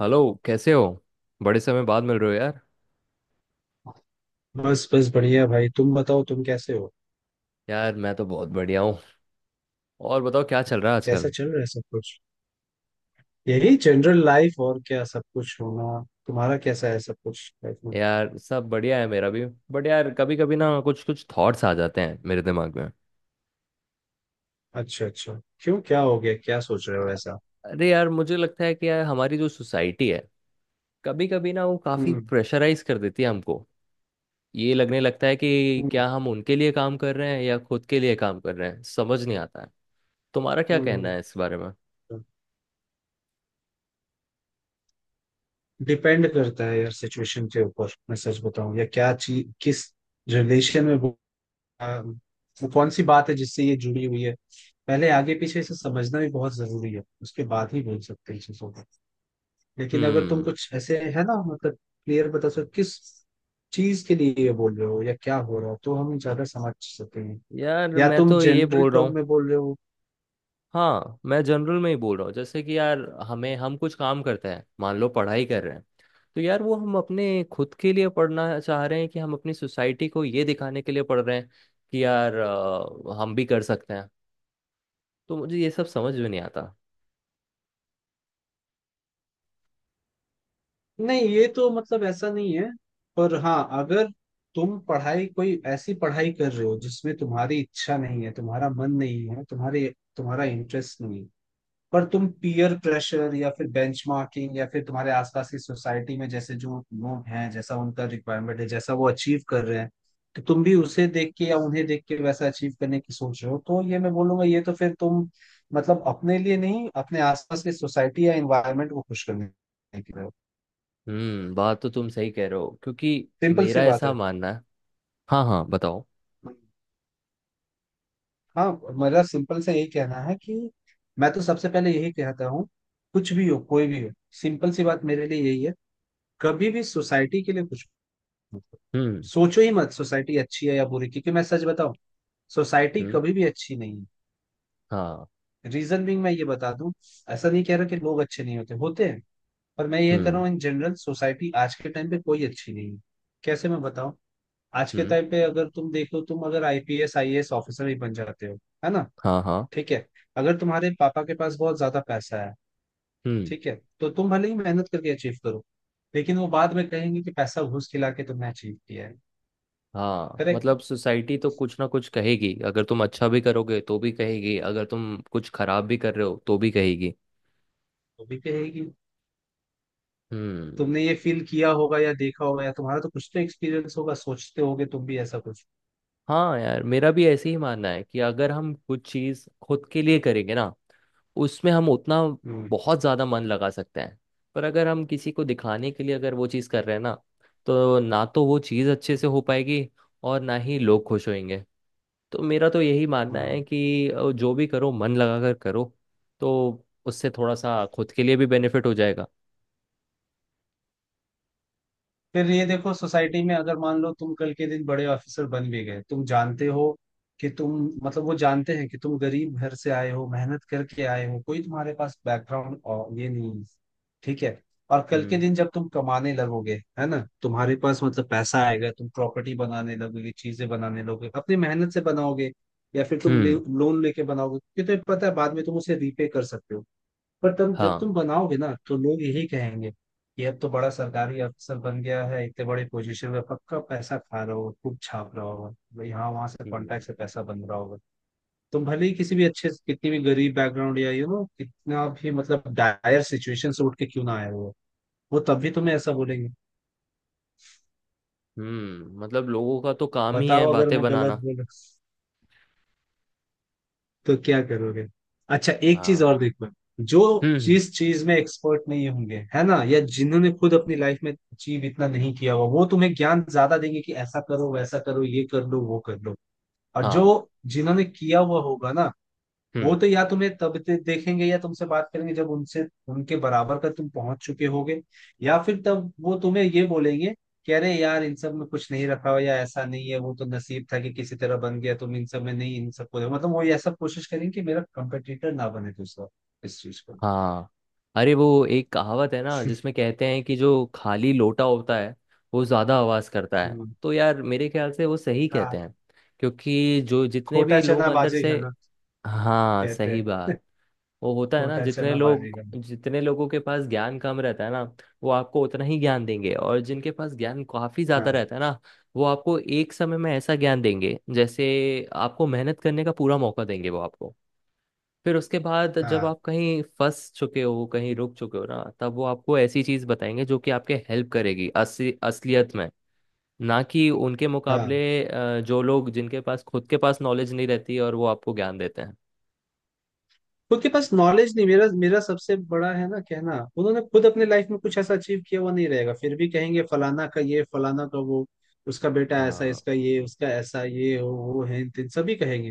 Hello. कैसे हो? बड़े समय बाद मिल रहे हो यार। बस बस बढ़िया भाई, तुम बताओ तुम कैसे हो। यार मैं तो बहुत बढ़िया हूँ। और बताओ क्या चल रहा है कैसा आजकल? चल रहा है सब कुछ? यही जनरल लाइफ, और क्या सब कुछ होना। तुम्हारा कैसा है सब कुछ लाइफ में? यार सब बढ़िया है मेरा भी। बट यार कभी कभी ना कुछ कुछ थॉट्स आ जाते हैं मेरे दिमाग में। अच्छा अच्छा। क्यों, क्या हो गया, क्या सोच रहे हो ऐसा? अरे यार मुझे लगता है कि यार हमारी जो सोसाइटी है कभी कभी ना वो काफ़ी हम्म। प्रेशराइज कर देती है हमको। ये लगने लगता है कि हम्म। क्या हम उनके लिए काम कर रहे हैं या खुद के लिए काम कर रहे हैं, समझ नहीं आता है। तुम्हारा क्या कहना हम्म। है इस बारे में? डिपेंड करता है यार सिचुएशन के ऊपर। मैं सच बताऊं या क्या चीज, किस रिलेशन में वो, वो कौन सी बात है जिससे ये जुड़ी हुई है। पहले आगे पीछे इसे समझना भी बहुत जरूरी है, उसके बाद ही बोल सकते हैं। लेकिन अगर तुम हम्म। कुछ ऐसे है ना मतलब क्लियर बता सको किस चीज के लिए ये बोल रहे हो या क्या हो रहा है, तो हम ज्यादा समझ सकते हैं। यार या मैं तुम तो ये जनरल बोल रहा टर्म हूँ। में बोल रहे हो। हाँ मैं जनरल में ही बोल रहा हूँ, जैसे कि यार हमें हम कुछ काम करते हैं, मान लो पढ़ाई कर रहे हैं। तो यार वो हम अपने खुद के लिए पढ़ना चाह रहे हैं कि हम अपनी सोसाइटी को ये दिखाने के लिए पढ़ रहे हैं कि यार हम भी कर सकते हैं। तो मुझे ये सब समझ में नहीं आता। नहीं ये तो मतलब ऐसा नहीं है, पर हाँ, अगर तुम पढ़ाई कोई ऐसी पढ़ाई कर रहे हो जिसमें तुम्हारी इच्छा नहीं है, तुम्हारा मन नहीं है, तुम्हारे तुम्हारा इंटरेस्ट नहीं है, पर तुम पीयर प्रेशर या फिर बेंचमार्किंग या फिर तुम्हारे आसपास की सोसाइटी में जैसे जो लोग हैं, जैसा उनका रिक्वायरमेंट है, जैसा वो अचीव कर रहे हैं, तो तुम भी उसे देख के या उन्हें देख के वैसा अचीव करने की सोच रहे हो, तो ये मैं बोलूंगा ये तो फिर तुम मतलब अपने लिए नहीं, अपने आसपास की सोसाइटी या एनवायरनमेंट को खुश करने के लिए हो। हम्म। बात तो तुम सही कह रहे हो, क्योंकि सिंपल सी मेरा बात ऐसा है। मानना है। हाँ हाँ बताओ। हाँ, मेरा सिंपल से यही कहना है कि मैं तो सबसे पहले यही कहता हूँ, कुछ भी हो कोई भी हो, सिंपल सी बात मेरे लिए यही है, कभी भी सोसाइटी के लिए कुछ हम्म। सोचो ही मत। सोसाइटी अच्छी है या बुरी, क्योंकि मैं सच बताऊं, सोसाइटी हम्म। कभी भी अच्छी नहीं हाँ। है। रीजन बीइंग, मैं ये बता दूं, ऐसा नहीं कह रहा कि लोग अच्छे नहीं होते होते हैं, पर मैं ये कह रहा हम्म। हूँ इन जनरल सोसाइटी आज के टाइम पे कोई अच्छी नहीं है। कैसे मैं बताऊं। आज के हम्म। टाइम पे अगर तुम देखो, तुम अगर आईपीएस आईएएस ऑफिसर ही बन जाते हो, है ना, हाँ हाँ। ठीक है, अगर तुम्हारे पापा के पास बहुत ज्यादा पैसा है, हम्म। ठीक है, तो तुम भले ही मेहनत करके अचीव करो, लेकिन वो बाद में कहेंगे कि पैसा घूस खिला के तुमने अचीव किया है। हाँ करेक्ट। मतलब सोसाइटी तो कुछ ना कुछ कहेगी, अगर तुम अच्छा भी करोगे तो भी कहेगी, अगर तुम कुछ खराब भी कर रहे हो तो भी कहेगी। वो भी कहेगी। हम्म। तुमने ये फील किया होगा या देखा होगा या तुम्हारा तो कुछ तो एक्सपीरियंस होगा, सोचते होगे तुम भी ऐसा कुछ। हाँ यार मेरा भी ऐसे ही मानना है कि अगर हम कुछ चीज़ खुद के लिए करेंगे ना उसमें हम उतना हम्म। बहुत ज़्यादा मन लगा सकते हैं। पर अगर हम किसी को दिखाने के लिए अगर वो चीज़ कर रहे हैं ना तो वो चीज़ अच्छे से हो पाएगी और ना ही लोग खुश होंगे। तो मेरा तो यही मानना हम्म। है कि जो भी करो मन लगा कर करो। तो उससे थोड़ा सा खुद के लिए भी बेनिफिट हो जाएगा। फिर ये देखो, सोसाइटी में अगर मान लो तुम कल के दिन बड़े ऑफिसर बन भी गए, तुम जानते हो कि तुम मतलब वो जानते हैं कि तुम गरीब घर से आए हो, मेहनत करके आए हो, कोई तुम्हारे पास बैकग्राउंड ये नहीं है, ठीक है, और कल के हम्म। दिन जब तुम कमाने लगोगे, है ना, तुम्हारे पास मतलब पैसा आएगा, तुम प्रॉपर्टी बनाने लगोगे, चीजें बनाने लगोगे, अपनी मेहनत से बनाओगे, या फिर तुम हम्म। लोन लेके बनाओगे क्योंकि तुम्हें पता है बाद में तुम उसे रीपे कर सकते हो। पर तुम जब हाँ। तुम बनाओगे ना, तो लोग यही कहेंगे कि अब तो बड़ा सरकारी अफसर बन गया है, इतने बड़े पोजीशन में, पक्का पैसा खा रहा होगा, खूब छाप रहा होगा, यहाँ वहां से हम्म। कॉन्टैक्ट से पैसा बन रहा होगा। तुम भले ही किसी भी अच्छे कितनी भी गरीब बैकग्राउंड या यू नो कितना भी मतलब डायर सिचुएशन से उठ के क्यों ना आए हो, वो तब भी तुम्हें ऐसा बोलेंगे। हम्म। मतलब लोगों का तो काम ही है बताओ अगर बातें मैं गलत बनाना। बोल, तो क्या करोगे। अच्छा, एक चीज हाँ। और देखो, जो हम्म। जिस चीज में एक्सपर्ट नहीं होंगे है ना, या जिन्होंने खुद अपनी लाइफ में अचीव इतना नहीं किया हुआ, वो तुम्हें ज्ञान ज्यादा देंगे कि ऐसा करो वैसा करो ये कर लो वो कर लो, और जो हाँ। जिन्होंने किया हुआ होगा ना, वो हम्म। तो या तुम्हें तब देखेंगे या तुमसे बात करेंगे जब उनसे उनके बराबर का तुम पहुंच चुके होगे, या फिर तब वो तुम्हें ये बोलेंगे कि अरे यार इन सब में कुछ नहीं रखा हुआ या ऐसा नहीं है, वो तो नसीब था कि किसी तरह बन गया, तुम इन सब में नहीं, इन सबको मतलब वो ये सब कोशिश करेंगे कि मेरा कंपटीटर ना बने दूसरा इस चीज को। हाँ। अरे वो एक कहावत है ना जिसमें कहते हैं कि जो खाली लोटा होता है वो ज़्यादा आवाज़ करता है। हम्म, तो यार मेरे ख्याल से वो सही कहते हाँ। हैं। क्योंकि जो जितने भी खोटा लोग चना अंदर से। बाजेगा ना, हाँ कहते सही हैं। बात। वो होता है ना, खोटा जितने चना लोग, बाजेगा ना। जितने लोगों के पास ज्ञान कम रहता है ना वो आपको उतना ही ज्ञान देंगे, और जिनके पास ज्ञान काफी ज्यादा हाँ रहता है ना वो आपको एक समय में ऐसा ज्ञान देंगे, जैसे आपको मेहनत करने का पूरा मौका देंगे वो आपको। फिर उसके बाद जब हाँ, आप कहीं फंस चुके हो कहीं रुक चुके हो ना तब वो आपको ऐसी चीज बताएंगे जो कि आपके हेल्प करेगी असली असलियत में। ना कि उनके मुकाबले हाँ। जो लोग, जिनके पास खुद के पास नॉलेज नहीं रहती और वो आपको ज्ञान देते हैं। खुद के पास नॉलेज नहीं, मेरा मेरा सबसे बड़ा है ना कहना, उन्होंने खुद अपने लाइफ में कुछ ऐसा अचीव किया हुआ नहीं रहेगा, फिर भी कहेंगे फलाना का ये, फलाना का वो, उसका बेटा ऐसा, हाँ। इसका ये, उसका ऐसा, ये हो वो है, तीन सभी कहेंगे,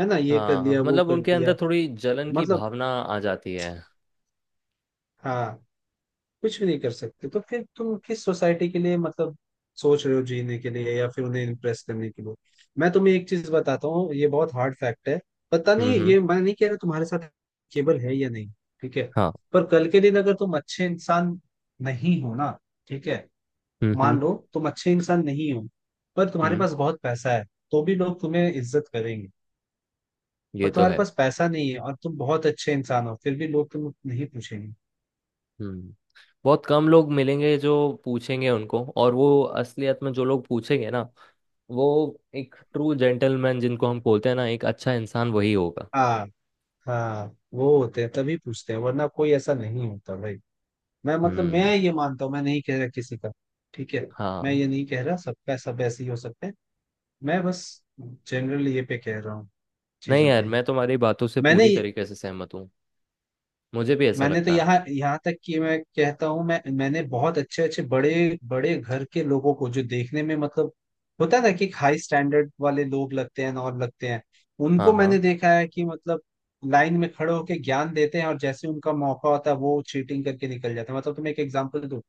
है ना, ये कर हाँ लिया वो मतलब कर उनके अंदर लिया। थोड़ी जलन की मतलब। भावना आ जाती है। हाँ। कुछ भी नहीं कर सकते, तो फिर तुम किस सोसाइटी के लिए मतलब सोच रहे हो जीने के लिए, या फिर उन्हें इम्प्रेस करने के लिए। मैं तुम्हें एक चीज बताता हूँ, ये बहुत हार्ड फैक्ट है, पता हम्म। नहीं हम्म। ये, मैं नहीं कह रहा तुम्हारे साथ केबल है या नहीं, ठीक है, हाँ। पर कल के दिन अगर तुम अच्छे इंसान नहीं हो ना, ठीक है, हम्म। हम्म। मान लो तुम अच्छे इंसान नहीं हो पर तुम्हारे हम्म। पास बहुत पैसा है, तो भी लोग तुम्हें इज्जत करेंगे, ये पर तो तुम्हारे है। पास पैसा नहीं है और तुम बहुत अच्छे इंसान हो, फिर भी लोग तुम नहीं पूछेंगे। हम्म। बहुत कम लोग मिलेंगे जो पूछेंगे उनको, और वो असलियत में जो लोग पूछेंगे ना, वो एक ट्रू जेंटलमैन जिनको हम बोलते हैं ना, एक अच्छा इंसान वही होगा। हाँ हाँ। वो होते हैं तभी पूछते हैं, वरना कोई ऐसा नहीं होता भाई। मैं हम्म। ये मानता हूँ, मैं नहीं कह रहा किसी का, ठीक है, मैं हाँ। ये नहीं कह रहा सबका सब ऐसे ही हो सकते हैं, मैं बस जनरली ये पे कह रहा हूँ नहीं चीजों यार के लिए। मैं तुम्हारी बातों से मैंने पूरी तरीके से सहमत हूँ। मुझे भी ऐसा मैंने तो लगता है। यहाँ यहाँ तक कि मैं कहता हूँ मैंने बहुत अच्छे अच्छे बड़े बड़े घर के लोगों को जो देखने में मतलब होता है ना कि हाई स्टैंडर्ड वाले लोग लगते हैं और लगते हैं, उनको हाँ। हाँ। मैंने देखा है कि मतलब लाइन में खड़े होकर ज्ञान देते हैं और जैसे उनका मौका होता है वो चीटिंग करके निकल जाते हैं। मतलब तुम्हें एक एग्जांपल दूं,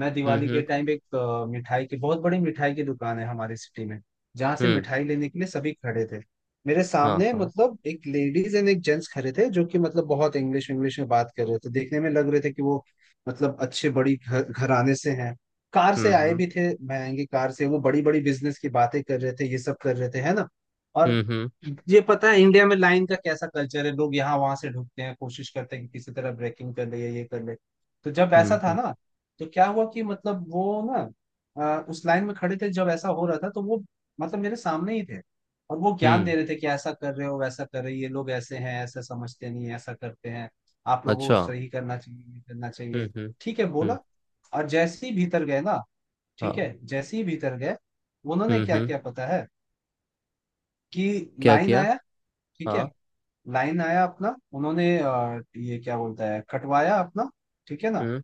मैं हम्म। दिवाली के हम्म। टाइम एक मिठाई की बहुत बड़ी मिठाई की दुकान है हमारे सिटी में जहाँ से हम्म। मिठाई लेने के लिए सभी खड़े थे, मेरे हाँ। सामने हाँ। मतलब एक लेडीज एंड एक जेंट्स खड़े थे जो कि मतलब बहुत इंग्लिश इंग्लिश में बात कर रहे थे, देखने में लग रहे थे कि वो मतलब अच्छे बड़ी घर घराने से हैं, कार हम्म। से आए हम्म। भी थे, महंगी कार से, वो बड़ी बड़ी बिजनेस की बातें कर रहे थे, ये सब कर रहे थे है ना। और हम्म। हम्म। ये पता है इंडिया में लाइन का कैसा कल्चर है, लोग यहाँ वहां से ढूंढते हैं, कोशिश करते हैं कि किसी तरह ब्रेकिंग कर ले या ये कर ले। तो जब हम्म। ऐसा था हम्म। ना, तो क्या हुआ कि मतलब वो ना, उस लाइन में खड़े थे, जब ऐसा हो रहा था तो वो मतलब मेरे सामने ही थे, और वो ज्ञान हम्म। दे रहे थे कि ऐसा कर रहे हो वैसा कर रहे हो, ये लोग ऐसे हैं, ऐसा समझते नहीं, ऐसा करते हैं, आप लोगों को अच्छा। सही करना चाहिए, ये करना हम्म। चाहिए, हम्म। ठीक है, हम्म। बोला। और जैसे ही भीतर गए ना, ठीक हाँ। है, जैसे ही भीतर गए, उन्होंने हम्म। क्या हम्म। किया पता है कि क्या लाइन किया? आया, ठीक है, हाँ। लाइन आया अपना, उन्होंने ये क्या बोलता है कटवाया अपना, ठीक है ना, हम्म।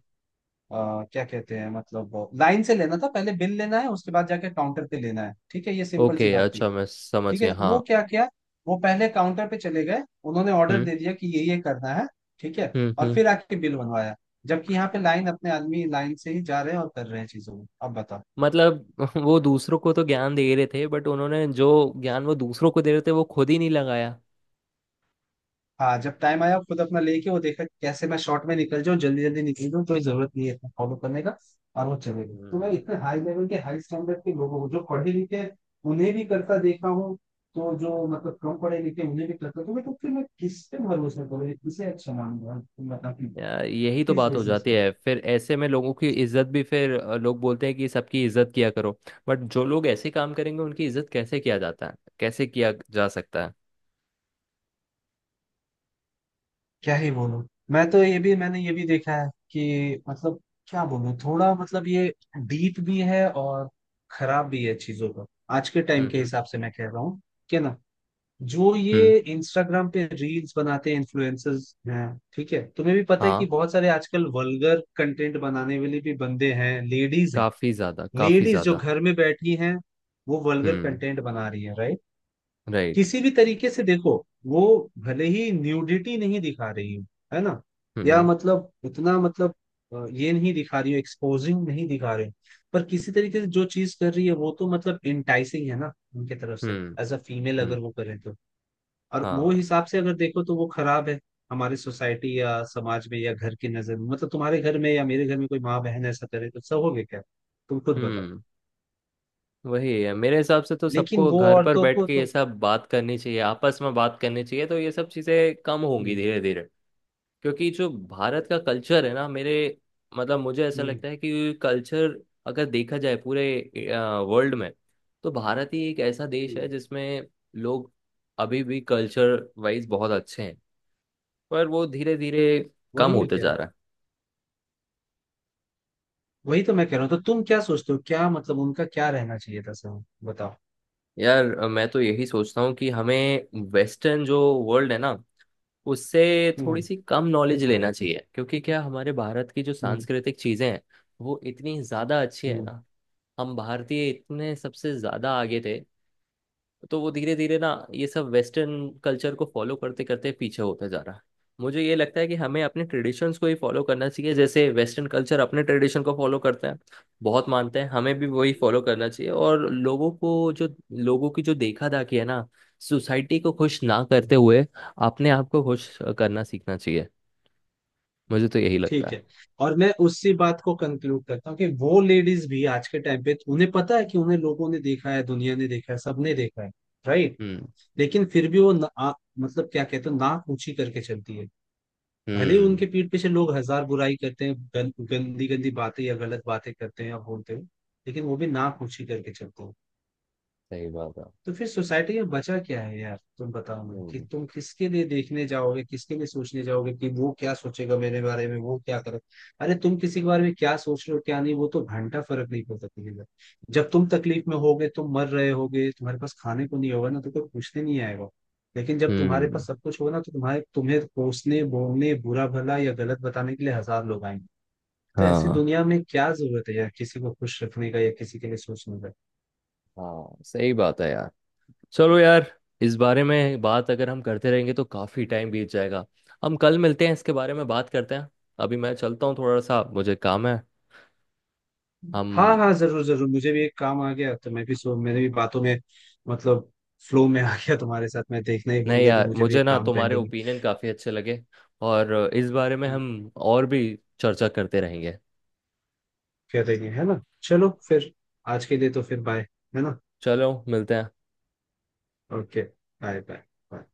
क्या कहते हैं मतलब लाइन से लेना था पहले, बिल लेना है उसके बाद जाके काउंटर पे लेना है, ठीक है, ये सिंपल सी ओके बात थी। अच्छा, मैं समझ ठीक है ना, गया, वो हाँ। क्या किया, वो पहले काउंटर पे चले गए, उन्होंने ऑर्डर हम्म। दे दिया कि ये करना है, ठीक है, हम्म। और हम्म। फिर आके बिल बनवाया, जबकि यहाँ पे लाइन अपने आदमी लाइन से ही जा रहे हैं और कर रहे हैं चीजों को। अब बताओ। मतलब वो दूसरों को तो ज्ञान दे रहे थे, बट उन्होंने जो ज्ञान वो दूसरों को दे रहे थे वो खुद ही नहीं लगाया। हाँ, जब टाइम आया खुद अपना लेके, वो देखा कि कैसे मैं शॉर्ट में निकल जाऊँ, जल्दी जल्दी निकल जाऊँ, कोई जरूरत नहीं है इतना फॉलो करने का, और वो चले गए। तो मैं हम्म। इतने हाई लेवल के हाई स्टैंडर्ड के लोगों को जो पढ़े लिखे हैं, उन्हें भी करता देखा हूँ, तो जो मतलब कम पढ़े लिखे हैं, उन्हें भी करता, तो मैं तो फिर मैं किस पे भरोसा करूँ, किसे अच्छा मानूंगा, तुम बताओ कि यार यही तो किस बात हो बेसिस जाती पे। है, फिर ऐसे में लोगों की इज्जत भी फिर, लोग बोलते हैं कि सबकी इज्जत किया करो, बट जो लोग ऐसे काम करेंगे उनकी इज्जत कैसे किया जाता है, कैसे किया जा सकता है? क्या ही बोलूं। मैं तो ये भी, मैंने ये भी देखा है कि मतलब क्या बोलूं, थोड़ा मतलब ये डीप भी है और खराब भी है चीजों का, आज के टाइम हम्म। के हम्म। हिसाब से मैं कह रहा हूँ कि ना, जो हम्म। ये इंस्टाग्राम पे रील्स बनाते हैं इन्फ्लुएंसर्स हैं, ठीक है, तुम्हें भी पता है हाँ। कि बहुत सारे आजकल वल्गर कंटेंट बनाने वाले भी बंदे हैं, लेडीज हैं। काफी ज्यादा काफी लेडीज जो ज्यादा। घर में बैठी हैं, वो वल्गर हम्म। कंटेंट बना रही है, राइट। राइट। किसी भी तरीके से देखो, वो भले ही न्यूडिटी नहीं दिखा रही हो, है ना, या हम्म। मतलब उतना मतलब ये नहीं दिखा रही हो, एक्सपोजिंग नहीं दिखा रही हो, पर किसी तरीके से जो चीज कर रही है वो तो मतलब इंटाइसिंग है ना उनके तरफ से, हम्म। एज अ फीमेल हम्म। अगर वो करें तो, और हाँ। वो हिसाब से अगर देखो तो वो खराब है हमारे सोसाइटी या समाज में या घर की नजर में, मतलब तुम्हारे घर में या मेरे घर में कोई माँ बहन ऐसा करे तो सहोगे क्या, तुम खुद बताओ। हम्म। वही है, मेरे हिसाब से तो लेकिन सबको वो घर पर औरतों बैठ को के ये तो। सब बात करनी चाहिए, आपस में बात करनी चाहिए, तो ये सब चीजें कम होंगी हम्म। धीरे धीरे। क्योंकि जो भारत का कल्चर है ना, मेरे मतलब मुझे ऐसा हम्म। लगता है कि कल्चर अगर देखा जाए पूरे वर्ल्ड में, तो भारत ही एक ऐसा देश है हम्म, जिसमें लोग अभी भी कल्चर वाइज बहुत अच्छे हैं, पर वो धीरे धीरे कम वही में होते क्या है? जा रहा है। वही तो मैं कह रहा हूँ, तो तुम क्या सोचते हो क्या मतलब उनका क्या रहना चाहिए था, सर बताओ। यार मैं तो यही सोचता हूँ कि हमें वेस्टर्न जो वर्ल्ड है ना उससे थोड़ी हम्म। सी कम नॉलेज लेना चाहिए, क्योंकि क्या हमारे भारत की जो हम्म। सांस्कृतिक चीजें हैं वो इतनी ज्यादा अच्छी है हम्म। ना, हम भारतीय इतने सबसे ज्यादा आगे थे। तो वो धीरे धीरे ना ये सब वेस्टर्न कल्चर को फॉलो करते करते पीछे होता जा रहा है। मुझे ये लगता है कि हमें अपने ट्रेडिशंस को ही फॉलो करना चाहिए, जैसे वेस्टर्न कल्चर अपने ट्रेडिशन को फॉलो करते हैं बहुत मानते हैं, हमें भी वही फॉलो करना चाहिए। और लोगों की जो देखा दाखी है ना, सोसाइटी को खुश ना हम्म, करते हुए अपने आप को खुश करना सीखना चाहिए। मुझे तो यही लगता ठीक है। है, और मैं उसी बात को कंक्लूड करता हूँ कि वो लेडीज भी आज के टाइम पे उन्हें पता है कि उन्हें लोगों ने देखा है, दुनिया ने देखा है, सबने देखा है, राइट, हम्म। लेकिन फिर भी वो ना, मतलब क्या कहते हैं नाक ऊंची करके चलती है, भले ही हम्म। उनके पीठ पीछे लोग हजार बुराई करते हैं, गंदी गंदी बातें या गलत बातें करते हैं या बोलते हैं, लेकिन वो भी नाक ऊंची करके चलते हैं। सही बात है। तो फिर सोसाइटी में बचा क्या है यार, तुम बताओ मुझे कि हम्म। तुम किसके लिए देखने जाओगे, किसके लिए सोचने जाओगे कि वो क्या सोचेगा मेरे बारे में, वो क्या करे। अरे तुम किसी के बारे में क्या सोच रहे हो क्या नहीं, वो तो घंटा फर्क नहीं पड़ता किसी का। जब तुम तकलीफ में होगे, तुम मर रहे होगे, तुम्हारे पास खाने को नहीं होगा ना, तो कोई पूछने नहीं आएगा, लेकिन जब तुम्हारे हम्म। पास सब कुछ होगा ना, तो तुम्हारे तुम्हें कोसने बोलने बुरा भला या गलत बताने के लिए हजार लोग आएंगे। तो ऐसी हाँ दुनिया में क्या जरूरत है यार किसी को खुश रखने का या किसी के लिए सोचने का। हाँ सही बात है यार। चलो यार, इस बारे में बात अगर हम करते रहेंगे तो काफी टाइम बीत जाएगा। हम कल मिलते हैं, इसके बारे में बात करते हैं। अभी मैं चलता हूँ, थोड़ा सा मुझे काम है। हम। हाँ हाँ, जरूर जरूर, मुझे भी एक काम आ गया, तो मैं भी सो मैंने भी बातों में मतलब फ्लो में आ गया तुम्हारे साथ, मैं देखना ही भूल नहीं गया कि यार मुझे भी मुझे एक ना काम तुम्हारे पेंडिंग। ओपिनियन काफी अच्छे लगे, और इस बारे में हम और भी चर्चा करते रहेंगे। कर देंगे, है ना, चलो फिर, आज के लिए तो फिर बाय, है ना। चलो मिलते हैं। Okay, bye bye. बाय।